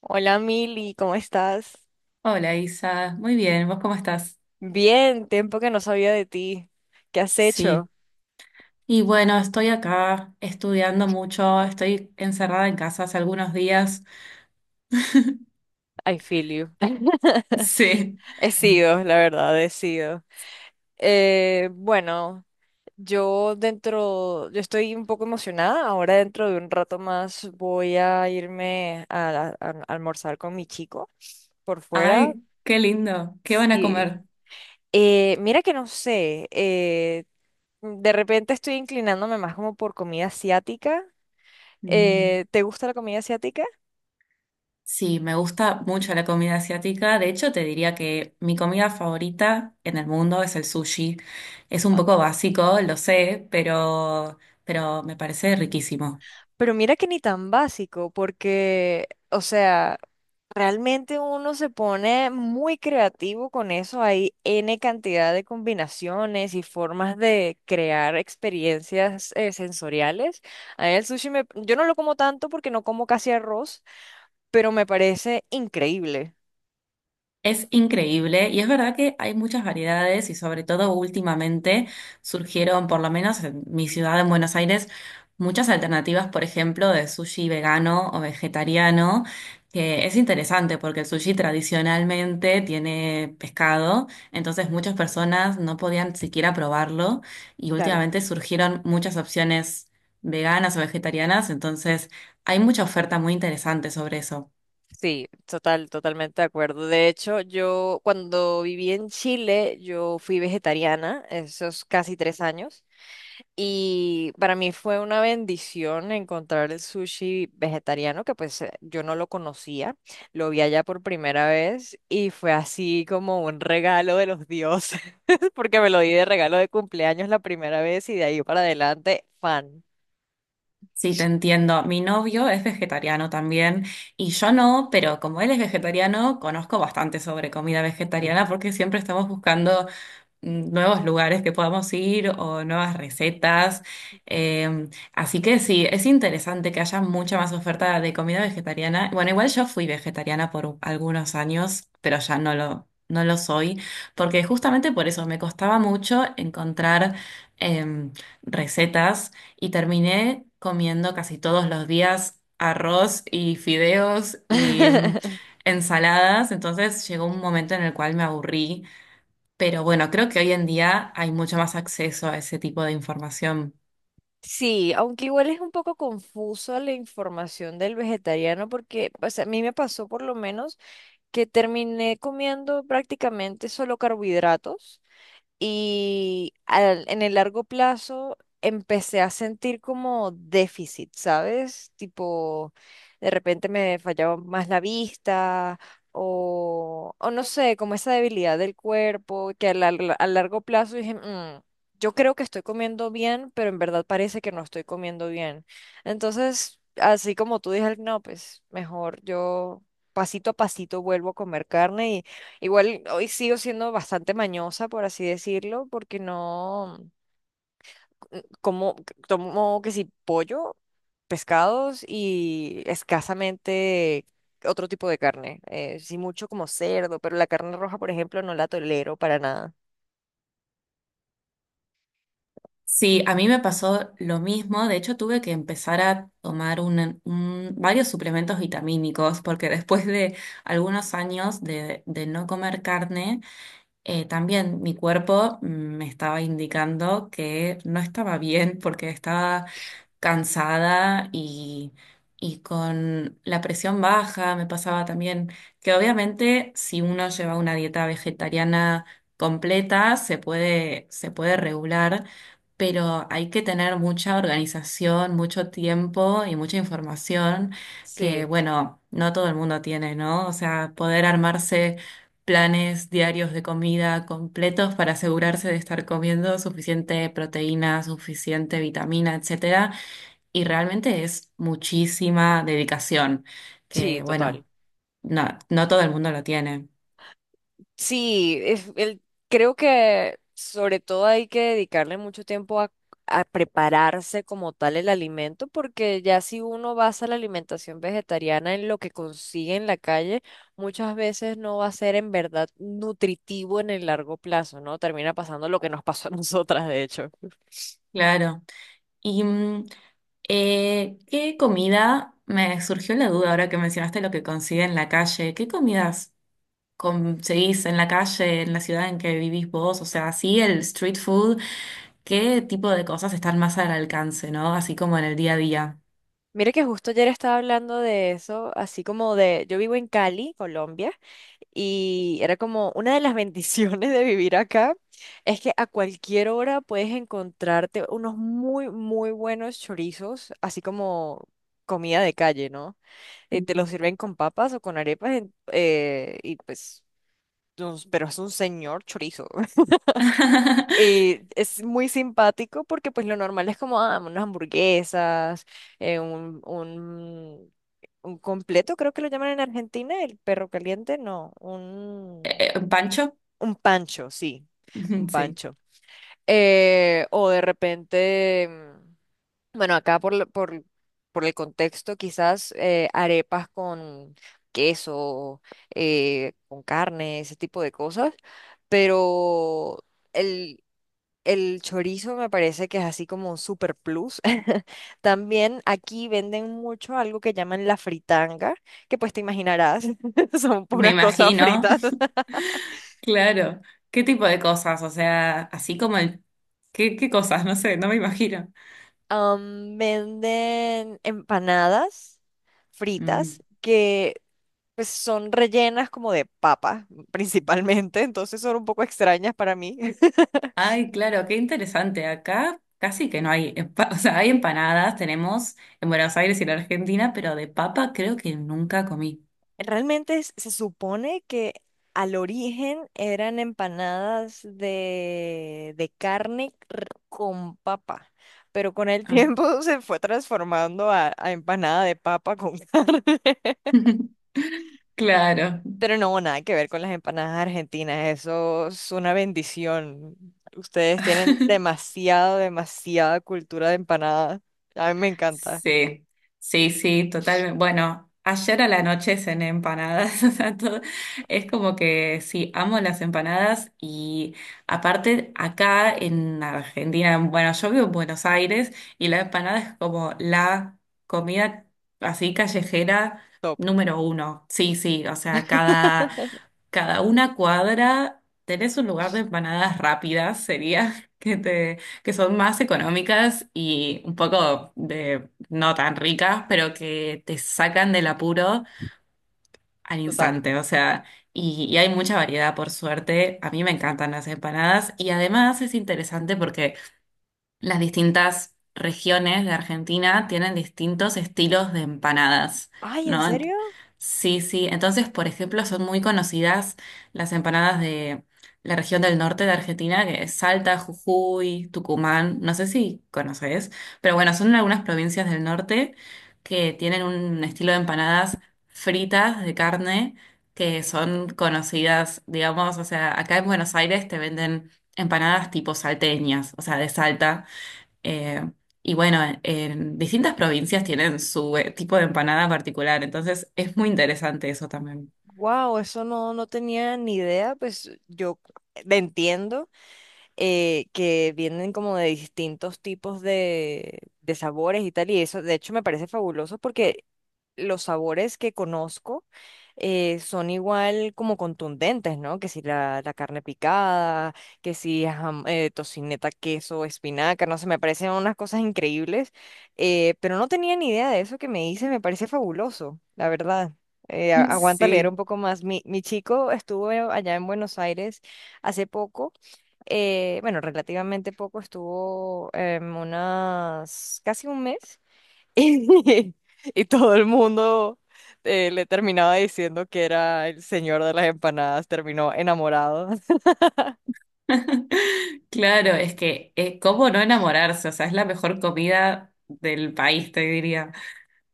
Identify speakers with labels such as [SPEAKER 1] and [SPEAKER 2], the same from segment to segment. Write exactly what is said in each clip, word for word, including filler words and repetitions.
[SPEAKER 1] Hola Mili, ¿cómo estás?
[SPEAKER 2] Hola Isa, muy bien, ¿vos cómo estás?
[SPEAKER 1] Bien, tiempo que no sabía de ti. ¿Qué has hecho?
[SPEAKER 2] Sí, y bueno, estoy acá estudiando mucho, estoy encerrada en casa hace algunos días.
[SPEAKER 1] I feel you.
[SPEAKER 2] Sí,
[SPEAKER 1] He sido, la verdad, he sido. Eh, bueno, yo dentro, yo estoy un poco emocionada. Ahora dentro de un rato más voy a irme a, la- a almorzar con mi chico por fuera.
[SPEAKER 2] ay, qué lindo, ¿qué van a
[SPEAKER 1] Sí.
[SPEAKER 2] comer?
[SPEAKER 1] Eh, mira que no sé, eh, de repente estoy inclinándome más como por comida asiática.
[SPEAKER 2] Mm.
[SPEAKER 1] Eh, ¿te gusta la comida asiática?
[SPEAKER 2] Sí, me gusta mucho la comida asiática, de hecho te diría que mi comida favorita en el mundo es el sushi. Es un poco básico, lo sé, pero, pero me parece riquísimo.
[SPEAKER 1] Pero mira que ni tan básico, porque, o sea, realmente uno se pone muy creativo con eso. Hay N cantidad de combinaciones y formas de crear experiencias eh, sensoriales. A mí el sushi me, yo no lo como tanto porque no como casi arroz, pero me parece increíble.
[SPEAKER 2] Es increíble y es verdad que hay muchas variedades y sobre todo últimamente surgieron, por lo menos en mi ciudad, en Buenos Aires, muchas alternativas, por ejemplo, de sushi vegano o vegetariano, que es interesante porque el sushi tradicionalmente tiene pescado, entonces muchas personas no podían siquiera probarlo y
[SPEAKER 1] Claro.
[SPEAKER 2] últimamente surgieron muchas opciones veganas o vegetarianas, entonces hay mucha oferta muy interesante sobre eso.
[SPEAKER 1] Sí, total, totalmente de acuerdo. De hecho, yo cuando viví en Chile, yo fui vegetariana, esos casi tres años. Y para mí fue una bendición encontrar el sushi vegetariano, que pues eh, yo no lo conocía, lo vi allá por primera vez y fue así como un regalo de los dioses, porque me lo di de regalo de cumpleaños la primera vez y de ahí para adelante, fan.
[SPEAKER 2] Sí, te entiendo. Mi novio es vegetariano también y yo no, pero como él es vegetariano, conozco bastante sobre comida vegetariana porque siempre estamos buscando nuevos lugares que podamos ir o nuevas recetas. Eh, Así que sí, es interesante que haya mucha más oferta de comida vegetariana. Bueno, igual yo fui vegetariana por algunos años, pero ya no lo, no lo soy, porque justamente por eso me costaba mucho encontrar em, recetas y terminé comiendo casi todos los días arroz y fideos y mm, ensaladas. Entonces llegó un momento en el cual me aburrí. Pero bueno, creo que hoy en día hay mucho más acceso a ese tipo de información.
[SPEAKER 1] Sí, aunque igual es un poco confusa la información del vegetariano porque pues, a mí me pasó por lo menos que terminé comiendo prácticamente solo carbohidratos y al- en el largo plazo empecé a sentir como déficit, ¿sabes? Tipo, de repente me fallaba más la vista o, o no sé, como esa debilidad del cuerpo que a, la- a largo plazo dije, "Mm, yo creo que estoy comiendo bien, pero en verdad parece que no estoy comiendo bien". Entonces, así como tú dije, no, pues mejor yo... Pasito a pasito vuelvo a comer carne. Igual hoy sigo siendo bastante mañosa, por así decirlo, porque no c- como c- tomo que si pollo, pescados y escasamente otro tipo de carne. Eh, sí mucho como cerdo, pero la carne roja, por ejemplo, no la tolero para nada.
[SPEAKER 2] Sí, a mí me pasó lo mismo. De hecho, tuve que empezar a tomar un- un- varios suplementos vitamínicos porque después de algunos años de, de no comer carne, eh, también mi cuerpo mm, me estaba indicando que no estaba bien porque estaba cansada y, y con la presión baja. Me pasaba también que obviamente si uno lleva una dieta vegetariana completa se puede, se puede regular, pero hay que tener mucha organización, mucho tiempo y mucha información que,
[SPEAKER 1] Sí.
[SPEAKER 2] bueno, no todo el mundo tiene, ¿no? O sea, poder armarse planes diarios de comida completos para asegurarse de estar comiendo suficiente proteína, suficiente vitamina, etcétera. Y realmente es muchísima dedicación,
[SPEAKER 1] Sí,
[SPEAKER 2] que
[SPEAKER 1] total.
[SPEAKER 2] bueno, no, no todo el mundo lo tiene.
[SPEAKER 1] Sí, es- el- creo que sobre todo hay que dedicarle mucho tiempo a, a prepararse como tal el alimento, porque ya si uno basa la alimentación vegetariana en lo que consigue en la calle, muchas veces no va a ser en verdad nutritivo en el largo plazo, ¿no? Termina pasando lo que nos pasó a nosotras, de hecho.
[SPEAKER 2] Claro. Y mm, eh, ¿qué comida? Me surgió la duda ahora que mencionaste lo que consigue en la calle. ¿Qué comidas conseguís en la calle, en la ciudad en que vivís vos? O sea, sí, el street food. ¿Qué tipo de cosas están más al alcance, no? Así como en el día a día.
[SPEAKER 1] Mire que justo ayer estaba hablando de eso, así como de, yo vivo en Cali, Colombia. Y era como una de las bendiciones de vivir acá, es que a cualquier hora puedes encontrarte unos muy, muy buenos chorizos, así como comida de calle, ¿no? Eh, te los
[SPEAKER 2] Ujú.
[SPEAKER 1] sirven con papas o con arepas, en- eh, y pues, nos- pero es un señor chorizo. Eh, es muy simpático porque pues lo normal es como ah, unas hamburguesas, eh, un, un, un completo, creo que lo llaman en Argentina, el perro caliente, no, un...
[SPEAKER 2] Eh, ¿Pancho?
[SPEAKER 1] Un pancho, sí, un
[SPEAKER 2] Sí,
[SPEAKER 1] pancho. Eh, o de repente, mm, bueno, acá por, la- por, por el contexto, quizás eh, arepas con queso, eh, con carne, ese tipo de cosas, pero el, el chorizo me parece que es así como un super plus. También aquí venden mucho algo que llaman la fritanga, que pues te imaginarás, son
[SPEAKER 2] me
[SPEAKER 1] puras cosas
[SPEAKER 2] imagino.
[SPEAKER 1] fritas.
[SPEAKER 2] Claro. ¿Qué tipo de cosas? O sea, así como el... ¿Qué, qué cosas? No sé, no me imagino.
[SPEAKER 1] Am, venden empanadas
[SPEAKER 2] Mm.
[SPEAKER 1] fritas que pues, son rellenas como de papa, principalmente, entonces son un poco extrañas para mí.
[SPEAKER 2] Ay, claro, qué interesante. Acá casi que no hay... empa- O sea, hay empanadas, tenemos en Buenos Aires y en Argentina, pero de papa creo que nunca comí.
[SPEAKER 1] Realmente es- se supone que al origen eran empanadas de, de carne r- con papa, pero con el
[SPEAKER 2] Ah.
[SPEAKER 1] tiempo se fue transformando a, a empanada de papa con carne.
[SPEAKER 2] Claro.
[SPEAKER 1] Pero no, nada que ver con las empanadas argentinas, eso es una bendición. Ustedes tienen demasiado demasiada cultura de empanadas. A mí me encanta.
[SPEAKER 2] Sí, sí, sí, totalmente. Bueno, ayer a la noche cené empanadas, o sea, todo- es como que sí, amo las empanadas y aparte acá en Argentina, bueno, yo vivo en Buenos Aires y la empanada es como la comida así callejera
[SPEAKER 1] Top.
[SPEAKER 2] número uno. Sí, sí, o sea, cada, cada una cuadra tenés un lugar de empanadas rápidas, sería que te que son más económicas y un poco de no tan ricas, pero que te sacan del apuro al
[SPEAKER 1] Total.
[SPEAKER 2] instante, o sea, y, y hay mucha variedad por suerte. A mí me encantan las empanadas y además es interesante porque las distintas regiones de Argentina tienen distintos estilos de empanadas,
[SPEAKER 1] Ay, ¿en
[SPEAKER 2] ¿no? Ent-
[SPEAKER 1] serio?
[SPEAKER 2] Sí, sí. Entonces, por ejemplo, son muy conocidas las empanadas de la región del norte de Argentina, que es Salta, Jujuy, Tucumán, no sé si conoces, pero bueno, son algunas provincias del norte que tienen un estilo de empanadas fritas de carne que son conocidas, digamos, o sea, acá en Buenos Aires te venden empanadas tipo salteñas, o sea, de Salta, eh, y bueno, en distintas provincias tienen su eh, tipo de empanada particular, entonces es muy interesante eso también.
[SPEAKER 1] Wow, eso no, no tenía ni idea. Pues yo le entiendo. Eh, que vienen como de distintos tipos de, de sabores y tal, y eso de hecho me parece fabuloso porque los sabores que conozco eh, son igual como contundentes, ¿no? Que si la, la carne picada, que si jam- eh, tocineta, queso, espinaca, no sé, me parecen unas cosas increíbles, eh, pero no tenía ni idea de eso que me hice, me parece fabuloso, la verdad. Eh, a- aguanta leer
[SPEAKER 2] Sí.
[SPEAKER 1] un poco más. Mi, mi chico estuvo allá en Buenos Aires hace poco eh, bueno, relativamente poco, estuvo em, unas casi un mes y, y todo el mundo eh, le terminaba diciendo que era el señor de las empanadas, terminó enamorado.
[SPEAKER 2] Claro, es que, eh, ¿cómo no enamorarse? O sea, es la mejor comida del país, te diría.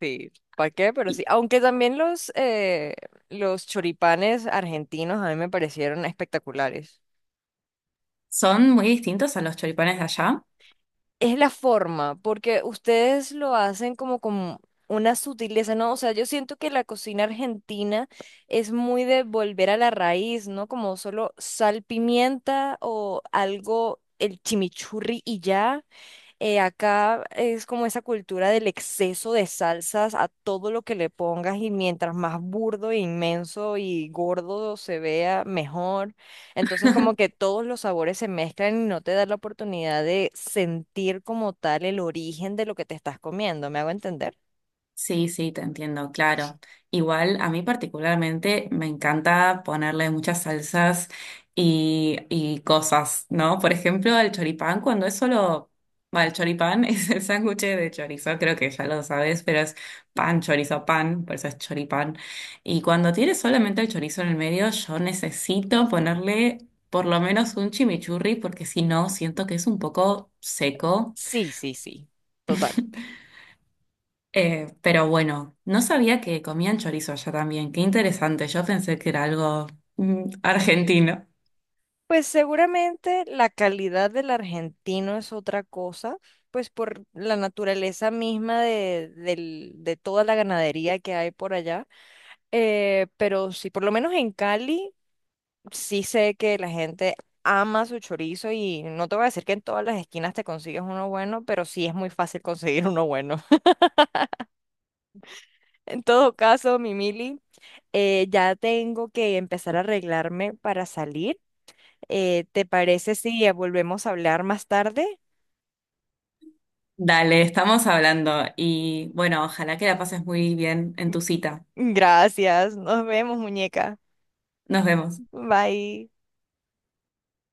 [SPEAKER 1] Sí, ¿para qué? Pero
[SPEAKER 2] Y
[SPEAKER 1] sí, aunque también los, eh, los choripanes argentinos a mí me parecieron espectaculares.
[SPEAKER 2] son muy distintos a los choripanes de allá.
[SPEAKER 1] Es la forma, porque ustedes lo hacen como con una sutileza, ¿no? O sea, yo siento que la cocina argentina es muy de volver a la raíz, ¿no? Como solo sal, pimienta o algo, el chimichurri y ya. Eh, acá es como esa cultura del exceso de salsas a todo lo que le pongas y mientras más burdo, e inmenso y gordo se vea, mejor. Entonces como que todos los sabores se mezclan y no te da la oportunidad de sentir como tal el origen de lo que te estás comiendo. ¿Me hago entender?
[SPEAKER 2] Sí, sí, te entiendo, claro. Igual a mí particularmente me encanta ponerle muchas salsas y, y cosas, ¿no? Por ejemplo, el choripán, cuando es solo, bueno, el choripán es el sándwich de chorizo, creo que ya lo sabes, pero es pan, chorizo, pan, por eso es choripán. Y cuando tiene solamente el chorizo en el medio, yo necesito ponerle por lo menos un chimichurri, porque si no, siento que es un poco seco.
[SPEAKER 1] Sí, sí, sí. Total.
[SPEAKER 2] Eh, pero bueno, no sabía que comían chorizo allá también. Qué interesante. Yo pensé que era algo mm, argentino.
[SPEAKER 1] Pues seguramente la calidad del argentino es otra cosa, pues por la naturaleza misma de, del- de toda la ganadería que hay por allá. Eh, pero sí, por lo menos en Cali, sí sé que la gente ama su chorizo y no te voy a decir que en todas las esquinas te consigues uno bueno, pero sí es muy fácil conseguir uno bueno. En todo caso, mi Mili, eh, ya tengo que empezar a arreglarme para salir. Eh, ¿te parece si volvemos a hablar más tarde?
[SPEAKER 2] Dale, estamos hablando y bueno, ojalá que la pases muy bien en tu cita.
[SPEAKER 1] Gracias, nos vemos, muñeca.
[SPEAKER 2] Nos vemos.
[SPEAKER 1] Bye.